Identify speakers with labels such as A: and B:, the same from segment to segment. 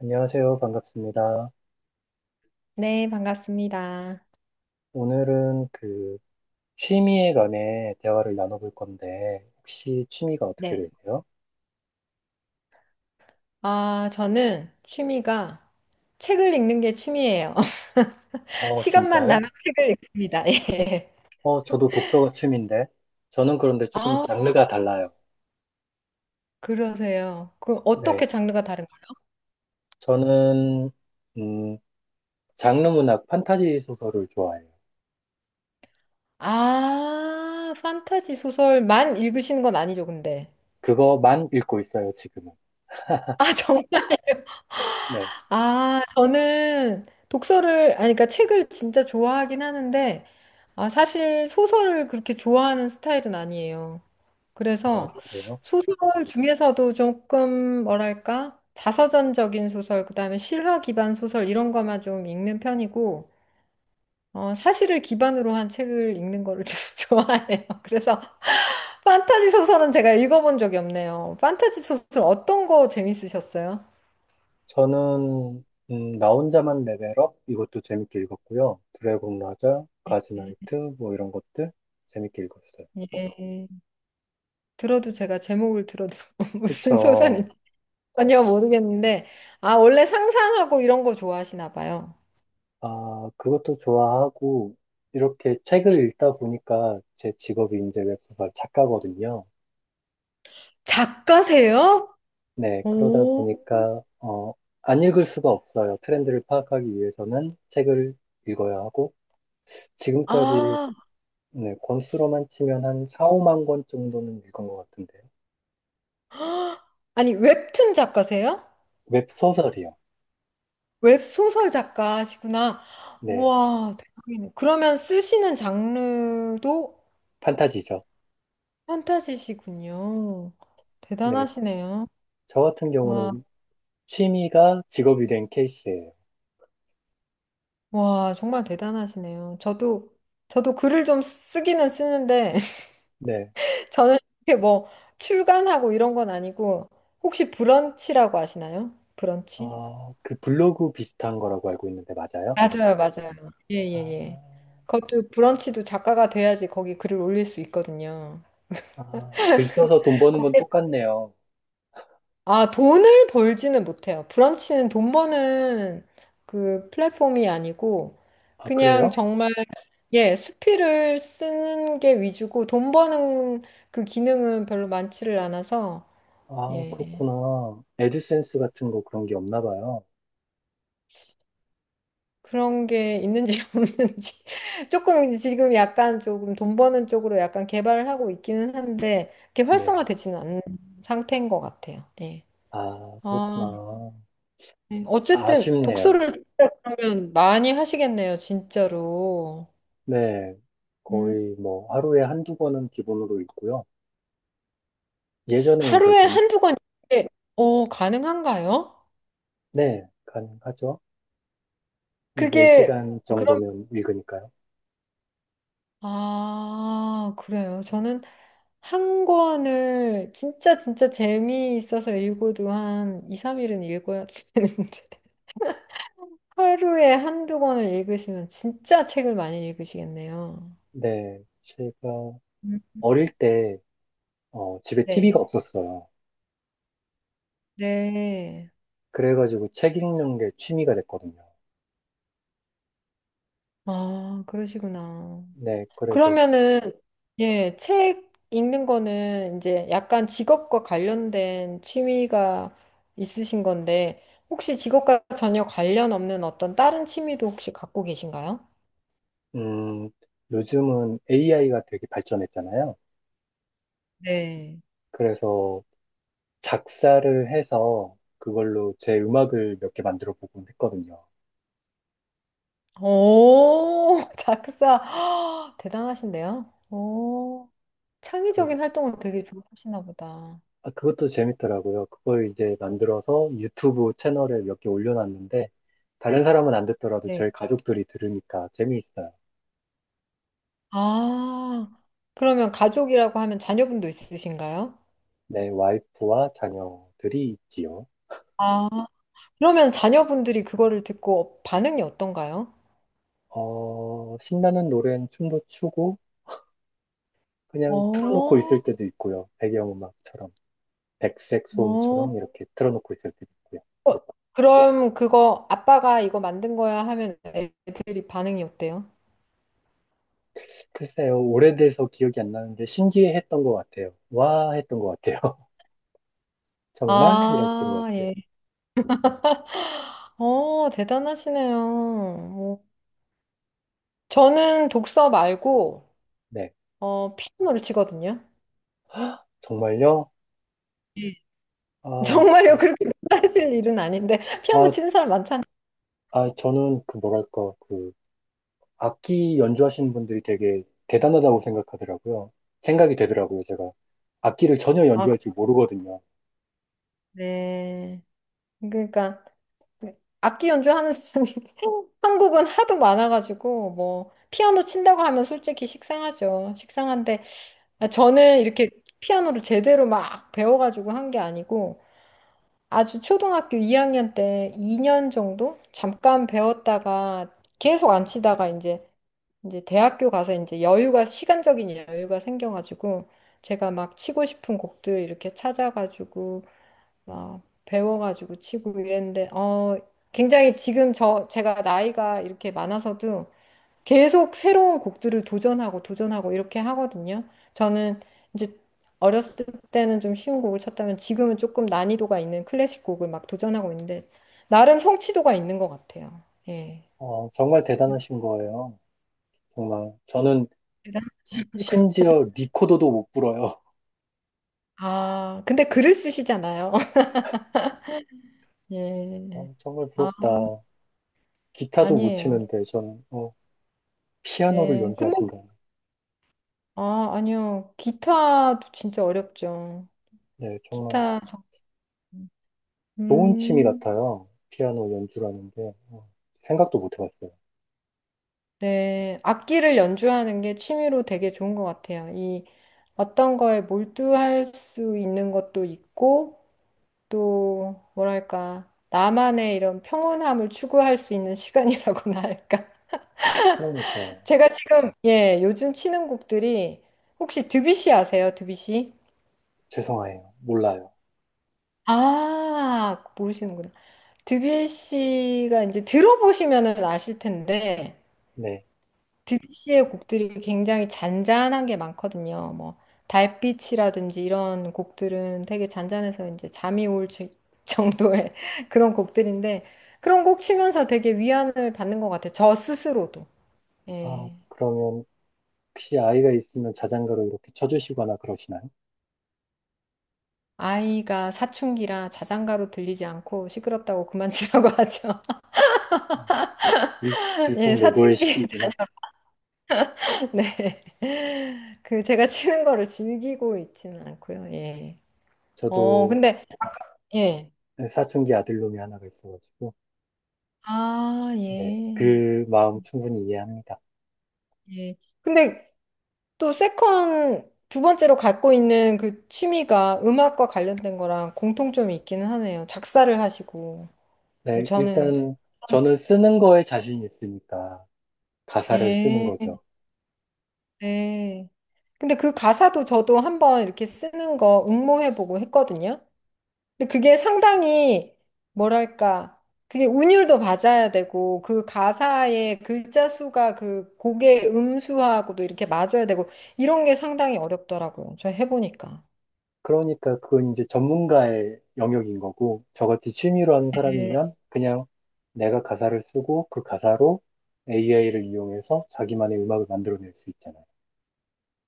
A: 안녕하세요. 반갑습니다.
B: 네, 반갑습니다.
A: 오늘은 취미에 관해 대화를 나눠볼 건데, 혹시 취미가 어떻게
B: 네.
A: 되세요?
B: 아, 저는 취미가 책을 읽는 게 취미예요.
A: 어,
B: 시간만
A: 진짜요?
B: 나면 책을 읽습니다. 예.
A: 저도 독서가 취미인데, 저는 그런데 조금
B: 아,
A: 장르가 달라요.
B: 그러세요. 그
A: 네.
B: 어떻게 장르가 다른가요?
A: 저는, 음, 장르 문학 판타지 소설을 좋아해요.
B: 아, 판타지 소설만 읽으시는 건 아니죠, 근데.
A: 그거만 읽고 있어요, 지금은.
B: 아, 정말.
A: 네.
B: 아, 저는 독서를, 아니, 그러니까 책을 진짜 좋아하긴 하는데, 아, 사실 소설을 그렇게 좋아하는 스타일은 아니에요.
A: 아,
B: 그래서
A: 그래요?
B: 소설 중에서도 조금 뭐랄까? 자서전적인 소설, 그다음에 실화 기반 소설 이런 거만 좀 읽는 편이고 어, 사실을 기반으로 한 책을 읽는 거를 좀 좋아해요. 그래서 판타지 소설은 제가 읽어본 적이 없네요. 판타지 소설 어떤 거 재밌으셨어요?
A: 저는, 나 혼자만 레벨업? 이것도 재밌게 읽었고요. 드래곤 라자, 가즈나이트, 뭐 이런 것들 재밌게 읽었어요.
B: 예, 들어도 제가 제목을 들어도 무슨
A: 그쵸.
B: 소설인지 전혀 모르겠는데 아, 원래 상상하고 이런 거 좋아하시나 봐요.
A: 아, 그것도 좋아하고, 이렇게 책을 읽다 보니까 제 직업이 이제 웹소설 작가거든요.
B: 작가세요?
A: 네, 그러다
B: 오,
A: 보니까, 안 읽을 수가 없어요. 트렌드를 파악하기 위해서는 책을 읽어야 하고, 지금까지
B: 아,
A: 네, 권수로만 치면 한 4, 5만 권 정도는 읽은 것 같은데요.
B: 아니, 웹툰 작가세요?
A: 웹소설이요.
B: 웹소설 작가시구나.
A: 네,
B: 우와, 대박이네. 그러면 쓰시는 장르도
A: 판타지죠.
B: 판타지시군요.
A: 네,
B: 대단하시네요.
A: 저 같은
B: 와,
A: 경우는 취미가 직업이 된 케이스예요.
B: 와, 정말 대단하시네요. 저도, 글을 좀 쓰기는 쓰는데,
A: 네,
B: 저는 이렇게 뭐, 출간하고 이런 건 아니고, 혹시 브런치라고 아시나요? 브런치?
A: 그 블로그 비슷한 거라고 알고 있는데 맞아요?
B: 맞아요, 맞아요. 예,
A: 아,
B: 예, 예. 그것도 브런치도 작가가 돼야지 거기 글을 올릴 수 있거든요.
A: 아, 글 써서 돈 버는 건 똑같네요.
B: 아, 돈을 벌지는 못해요. 브런치는 돈 버는 그 플랫폼이 아니고,
A: 아,
B: 그냥
A: 그래요?
B: 정말, 예, 수필을 쓰는 게 위주고, 돈 버는 그 기능은 별로 많지를 않아서,
A: 아,
B: 예.
A: 그렇구나. 애드센스 같은 거 그런 게 없나 봐요.
B: 그런 게 있는지 없는지. 조금 지금 약간 조금 돈 버는 쪽으로 약간 개발을 하고 있기는 한데, 그렇게
A: 네.
B: 활성화되지는 않는 상태인 것 같아요. 예.
A: 아, 그렇구나.
B: 아. 네, 어쨌든
A: 아쉽네요.
B: 독서를 진짜 그러면 많이 하시겠네요, 진짜로.
A: 네.
B: 음,
A: 거의 뭐 하루에 한두 번은 기본으로 읽고요. 예전에 이제
B: 하루에
A: 좀,
B: 한두 권 이게 가능한가요?
A: 네, 가능하죠.
B: 그게
A: 4시간
B: 어, 그럼
A: 정도면 읽으니까요.
B: 아, 그래요. 저는 한 권을 진짜 진짜 재미있어서 읽어도 한 2, 3일은 읽어야 되는데 하루에 한두 권을 읽으시면 진짜 책을 많이 읽으시겠네요.
A: 네. 제가
B: 음.
A: 어릴 때 집에 TV가
B: 네.
A: 없었어요.
B: 네.
A: 그래가지고 책 읽는 게 취미가 됐거든요.
B: 아, 그러시구나.
A: 네, 그래서,
B: 그러면은, 예, 책 읽는 거는 이제 약간 직업과 관련된 취미가 있으신 건데, 혹시 직업과 전혀 관련 없는 어떤 다른 취미도 혹시 갖고 계신가요?
A: 음, 요즘은 AI가 되게 발전했잖아요.
B: 네.
A: 그래서 작사를 해서 그걸로 제 음악을 몇 개 만들어 보곤 했거든요.
B: 오, 작사. 대단하신데요? 오,
A: 그,
B: 창의적인 활동을 되게 좋아하시나 보다.
A: 아, 그것도 재밌더라고요. 그걸 이제 만들어서 유튜브 채널에 몇 개 올려놨는데, 다른 사람은 안 듣더라도
B: 네.
A: 저희 가족들이 들으니까 재미있어요.
B: 아, 그러면 가족이라고 하면 자녀분도 있으신가요?
A: 네, 와이프와 자녀들이 있지요.
B: 아, 그러면 자녀분들이 그거를 듣고 반응이 어떤가요?
A: 어, 신나는 노래는 춤도 추고, 그냥 틀어놓고
B: 어,
A: 있을 때도 있고요. 배경음악처럼, 백색
B: 어.
A: 소음처럼 이렇게 틀어놓고 있을 때도 있고요.
B: 어, 그럼 그거 아빠가 이거 만든 거야 하면 애들이 반응이 어때요?
A: 글쎄요, 오래돼서 기억이 안 나는데 신기해했던 것 같아요. 와 했던 것 같아요. 정말? 이랬던
B: 아,
A: 것 같아요.
B: 예. 어, 대단하시네요. 뭐, 저는 독서 말고,
A: 네,
B: 어, 피아노를 치거든요.
A: 정말요?
B: 예.
A: 아,
B: 정말요,
A: 전-
B: 그렇게 놀라실 일은 아닌데, 피아노
A: 아,
B: 치는 사람 많잖아요.
A: 아, 저는 뭐랄까, 악기 연주하시는 분들이 되게 대단하다고 생각하더라고요. 생각이 되더라고요, 제가. 악기를 전혀
B: 아,
A: 연주할 줄 모르거든요.
B: 네. 그러니까, 악기 연주하는 사람이 한국은 하도 많아가지고, 뭐, 피아노 친다고 하면 솔직히 식상하죠. 식상한데,
A: 아,
B: 아, 저는 이렇게 피아노를 제대로 막 배워가지고 한 게 아니고 아주 초등학교 2학년 때 2년 정도 잠깐 배웠다가 계속 안 치다가 이제 대학교 가서 이제 여유가 시간적인 여유가 생겨가지고 제가 막 치고 싶은 곡들 이렇게 찾아가지고 막 배워가지고 치고 이랬는데 어 굉장히 지금 제가 나이가 이렇게 많아서도 계속 새로운 곡들을 도전하고 도전하고 이렇게 하거든요. 저는 이제 어렸을 때는 좀 쉬운 곡을 쳤다면 지금은 조금 난이도가 있는 클래식 곡을 막 도전하고 있는데 나름 성취도가 있는 것 같아요. 예.
A: 정말 대단하신 거예요. 정말. 저는
B: 대단하시고.
A: 심지어 리코더도 못 불어요.
B: 아, 근데 글을 쓰시잖아요. 예.
A: 정말
B: 아,
A: 부럽다. 기타도 못
B: 아니에요.
A: 치는데 전 피아노를
B: 네. 근데
A: 연주하신다.
B: 아, 아니요. 기타도 진짜 어렵죠.
A: 네, 정말
B: 기타
A: 좋은 취미
B: 음,
A: 같아요. 피아노 연주라는 게 어, 생각도 못 해봤어요.
B: 네. 악기를 연주하는 게 취미로 되게 좋은 것 같아요. 이 어떤 거에 몰두할 수 있는 것도 있고, 또, 뭐랄까, 나만의 이런 평온함을 추구할 수 있는 시간이라고나 할까.
A: 그러니까
B: 제가 지금, 예, 요즘 치는 곡들이, 혹시 드뷔시 아세요? 드뷔시?
A: 죄송해요. 몰라요.
B: 아, 모르시는구나. 드뷔시가 이제 들어보시면은 아실 텐데,
A: 네.
B: 드뷔시의 곡들이 굉장히 잔잔한 게 많거든요. 뭐 달빛이라든지 이런 곡들은 되게 잔잔해서 이제 잠이 올 정도의 그런 곡들인데 그런 곡 치면서 되게 위안을 받는 것 같아요. 저 스스로도.
A: 아,
B: 예.
A: 그러면 혹시 아이가 있으면 자장가로 이렇게 쳐주시거나 그러시나요?
B: 아이가 사춘기라 자장가로 들리지 않고 시끄럽다고 그만 치라고 하죠.
A: 어, 일,
B: 예,
A: 일풍노도의 시
B: 사춘기
A: 기구나
B: 자녀. 네. 그 제가 치는 거를 즐기고 있지는 않고요. 예. 어,
A: 저도
B: 근데 예.
A: 사춘기 아들놈이 하나가 있어가지고
B: 아,
A: 네,
B: 예.
A: 그 마음 충분히 이해합니다.
B: 예. 근데 또 세컨 두 번째로 갖고 있는 그 취미가 음악과 관련된 거랑 공통점이 있기는 하네요. 작사를 하시고. 뭐
A: 네,
B: 저는
A: 일단 저는 쓰는 거에 자신이 있으니까 가사를 쓰는
B: 예.
A: 거죠.
B: 네. 근데 그 가사도 저도 한번 이렇게 쓰는 거 응모해보고 했거든요. 근데 그게 상당히 뭐랄까 그게 운율도 맞아야 되고 그 가사의 글자 수가 그 곡의 음수하고도 이렇게 맞아야 되고 이런 게 상당히 어렵더라고요. 저 해보니까.
A: 그러니까 그건 이제 전문가의 영역인 거고 저같이 취미로 하는
B: 네.
A: 사람이면 그냥 내가 가사를 쓰고 그 가사로 AI를 이용해서 자기만의 음악을 만들어낼 수 있잖아요.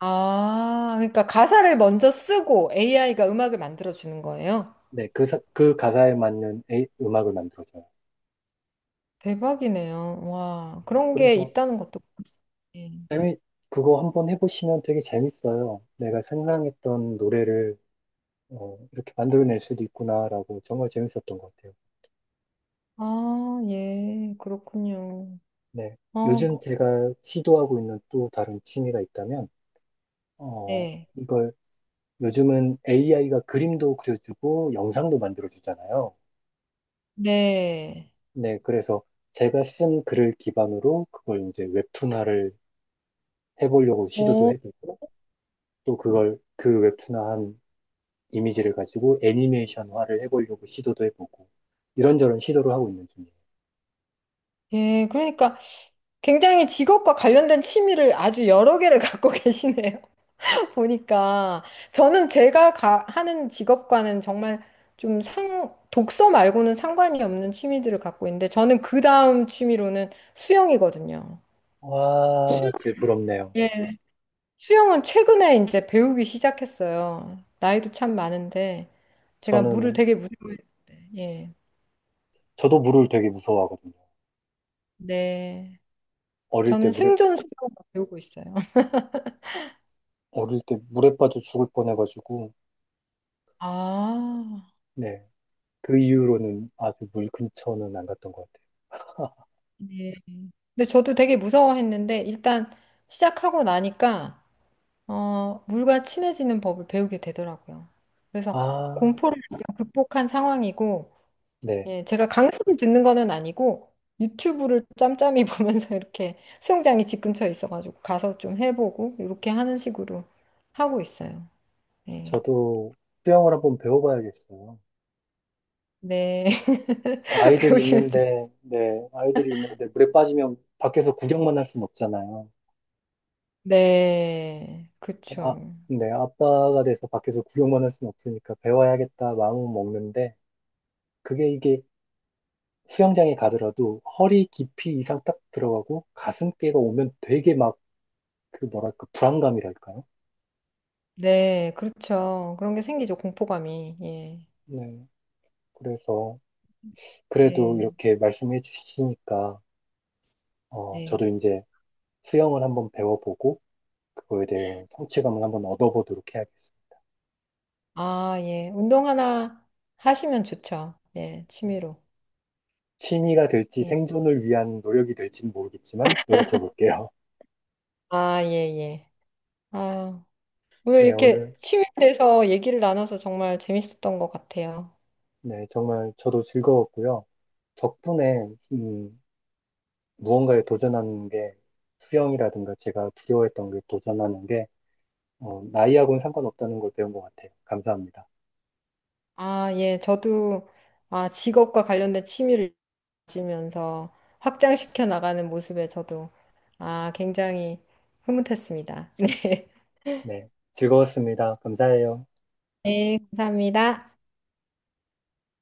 B: 아, 그러니까 가사를 먼저 쓰고 AI가 음악을 만들어 주는 거예요?
A: 네, 그 가사에 맞는 음악을 만들어줘요.
B: 대박이네요. 와, 그런 게
A: 그래서
B: 있다는 것도 몰랐어요. 예.
A: 재미, 그거 한번 해보시면 되게 재밌어요. 내가 생각했던 노래를 이렇게 만들어낼 수도 있구나라고 정말 재밌었던 것 같아요.
B: 아, 예, 그렇군요.
A: 네.
B: 어,
A: 요즘 제가 시도하고 있는 또 다른 취미가 있다면, 어,
B: 네.
A: 이걸 요즘은 AI가 그림도 그려주고 영상도 만들어주잖아요.
B: 네.
A: 네. 그래서 제가 쓴 글을 기반으로 그걸 이제 웹툰화를 해보려고 시도도
B: 오,
A: 해보고, 또 그걸 그 웹툰화한 이미지를 가지고 애니메이션화를 해보려고 시도도 해보고, 이런저런 시도를 하고 있는 중이에요.
B: 예, 그러니까 굉장히 직업과 관련된 취미를 아주 여러 개를 갖고 계시네요. 보니까. 저는 제가 하는 직업과는 정말 좀 독서 말고는 상관이 없는 취미들을 갖고 있는데, 저는 그 다음 취미로는 수영이거든요.
A: 와,
B: 수영,
A: 제 부럽네요.
B: 예. 수영은 최근에 이제 배우기 시작했어요. 나이도 참 많은데, 제가 물을
A: 저는,
B: 되게 무서워했는데, 예.
A: 저도 물을 되게 무서워하거든요.
B: 네.
A: 어릴 때
B: 저는
A: 물에
B: 생존 수영을 배우고 있어요.
A: 어릴 때 물에 빠져 죽을 뻔해가지고,
B: 아,
A: 네. 그 이후로는 아주 물 근처는 안 갔던 것 같아요.
B: 네. 근데 저도 되게 무서워했는데 일단 시작하고 나니까 어, 물과 친해지는 법을 배우게 되더라고요. 그래서
A: 아,
B: 공포를 약간 극복한 상황이고
A: 네.
B: 예, 제가 강습을 듣는 거는 아니고 유튜브를 짬짬이 보면서 이렇게 수영장이 집 근처에 있어가지고 가서 좀 해보고 이렇게 하는 식으로 하고 있어요. 예.
A: 저도 수영을 한번 배워봐야겠어요.
B: 네. 배우시면 좀.
A: 네. 아이들이 있는데 물에 빠지면 밖에서 구경만 할 순 없잖아요.
B: 네. 그렇
A: 아,
B: 죠
A: 네. 아빠가 돼서 밖에서 구경만 할 순 없으니까 배워야겠다 마음은 먹는데, 그게 이게 수영장에 가더라도 허리 깊이 이상 딱 들어가고 가슴께가 오면 되게 막 뭐랄까 불안감이랄까요?
B: 네. 그렇죠. 그런 게 생기죠. 공포감이. 예.
A: 네. 그래서 그래도
B: 네.
A: 이렇게 말씀해 주시니까
B: 네.
A: 저도 이제 수영을 한번 배워보고 그거에 대한 성취감을 한번 얻어보도록 해야겠어요.
B: 아, 예. 운동 하나 하시면 좋죠. 예, 취미로.
A: 취미가 될지
B: 예.
A: 생존을 위한 노력이 될지는 모르겠지만 노력해 볼게요.
B: 아, 예, 예. 아, 오늘
A: 네,
B: 이렇게
A: 오늘
B: 취미에 대해서 얘기를 나눠서 정말 재밌었던 것 같아요.
A: 네, 정말 저도 즐거웠고요. 덕분에 무언가에 도전하는 게 수영이라든가 제가 두려워했던 게 도전하는 게 나이하고는 상관없다는 걸 배운 것 같아요. 감사합니다.
B: 아, 예. 저도 아, 직업과 관련된 취미를 가지면서 확장시켜 나가는 모습에 저도 아, 굉장히 흐뭇했습니다. 네.
A: 네, 즐거웠습니다. 감사해요.
B: 네, 감사합니다.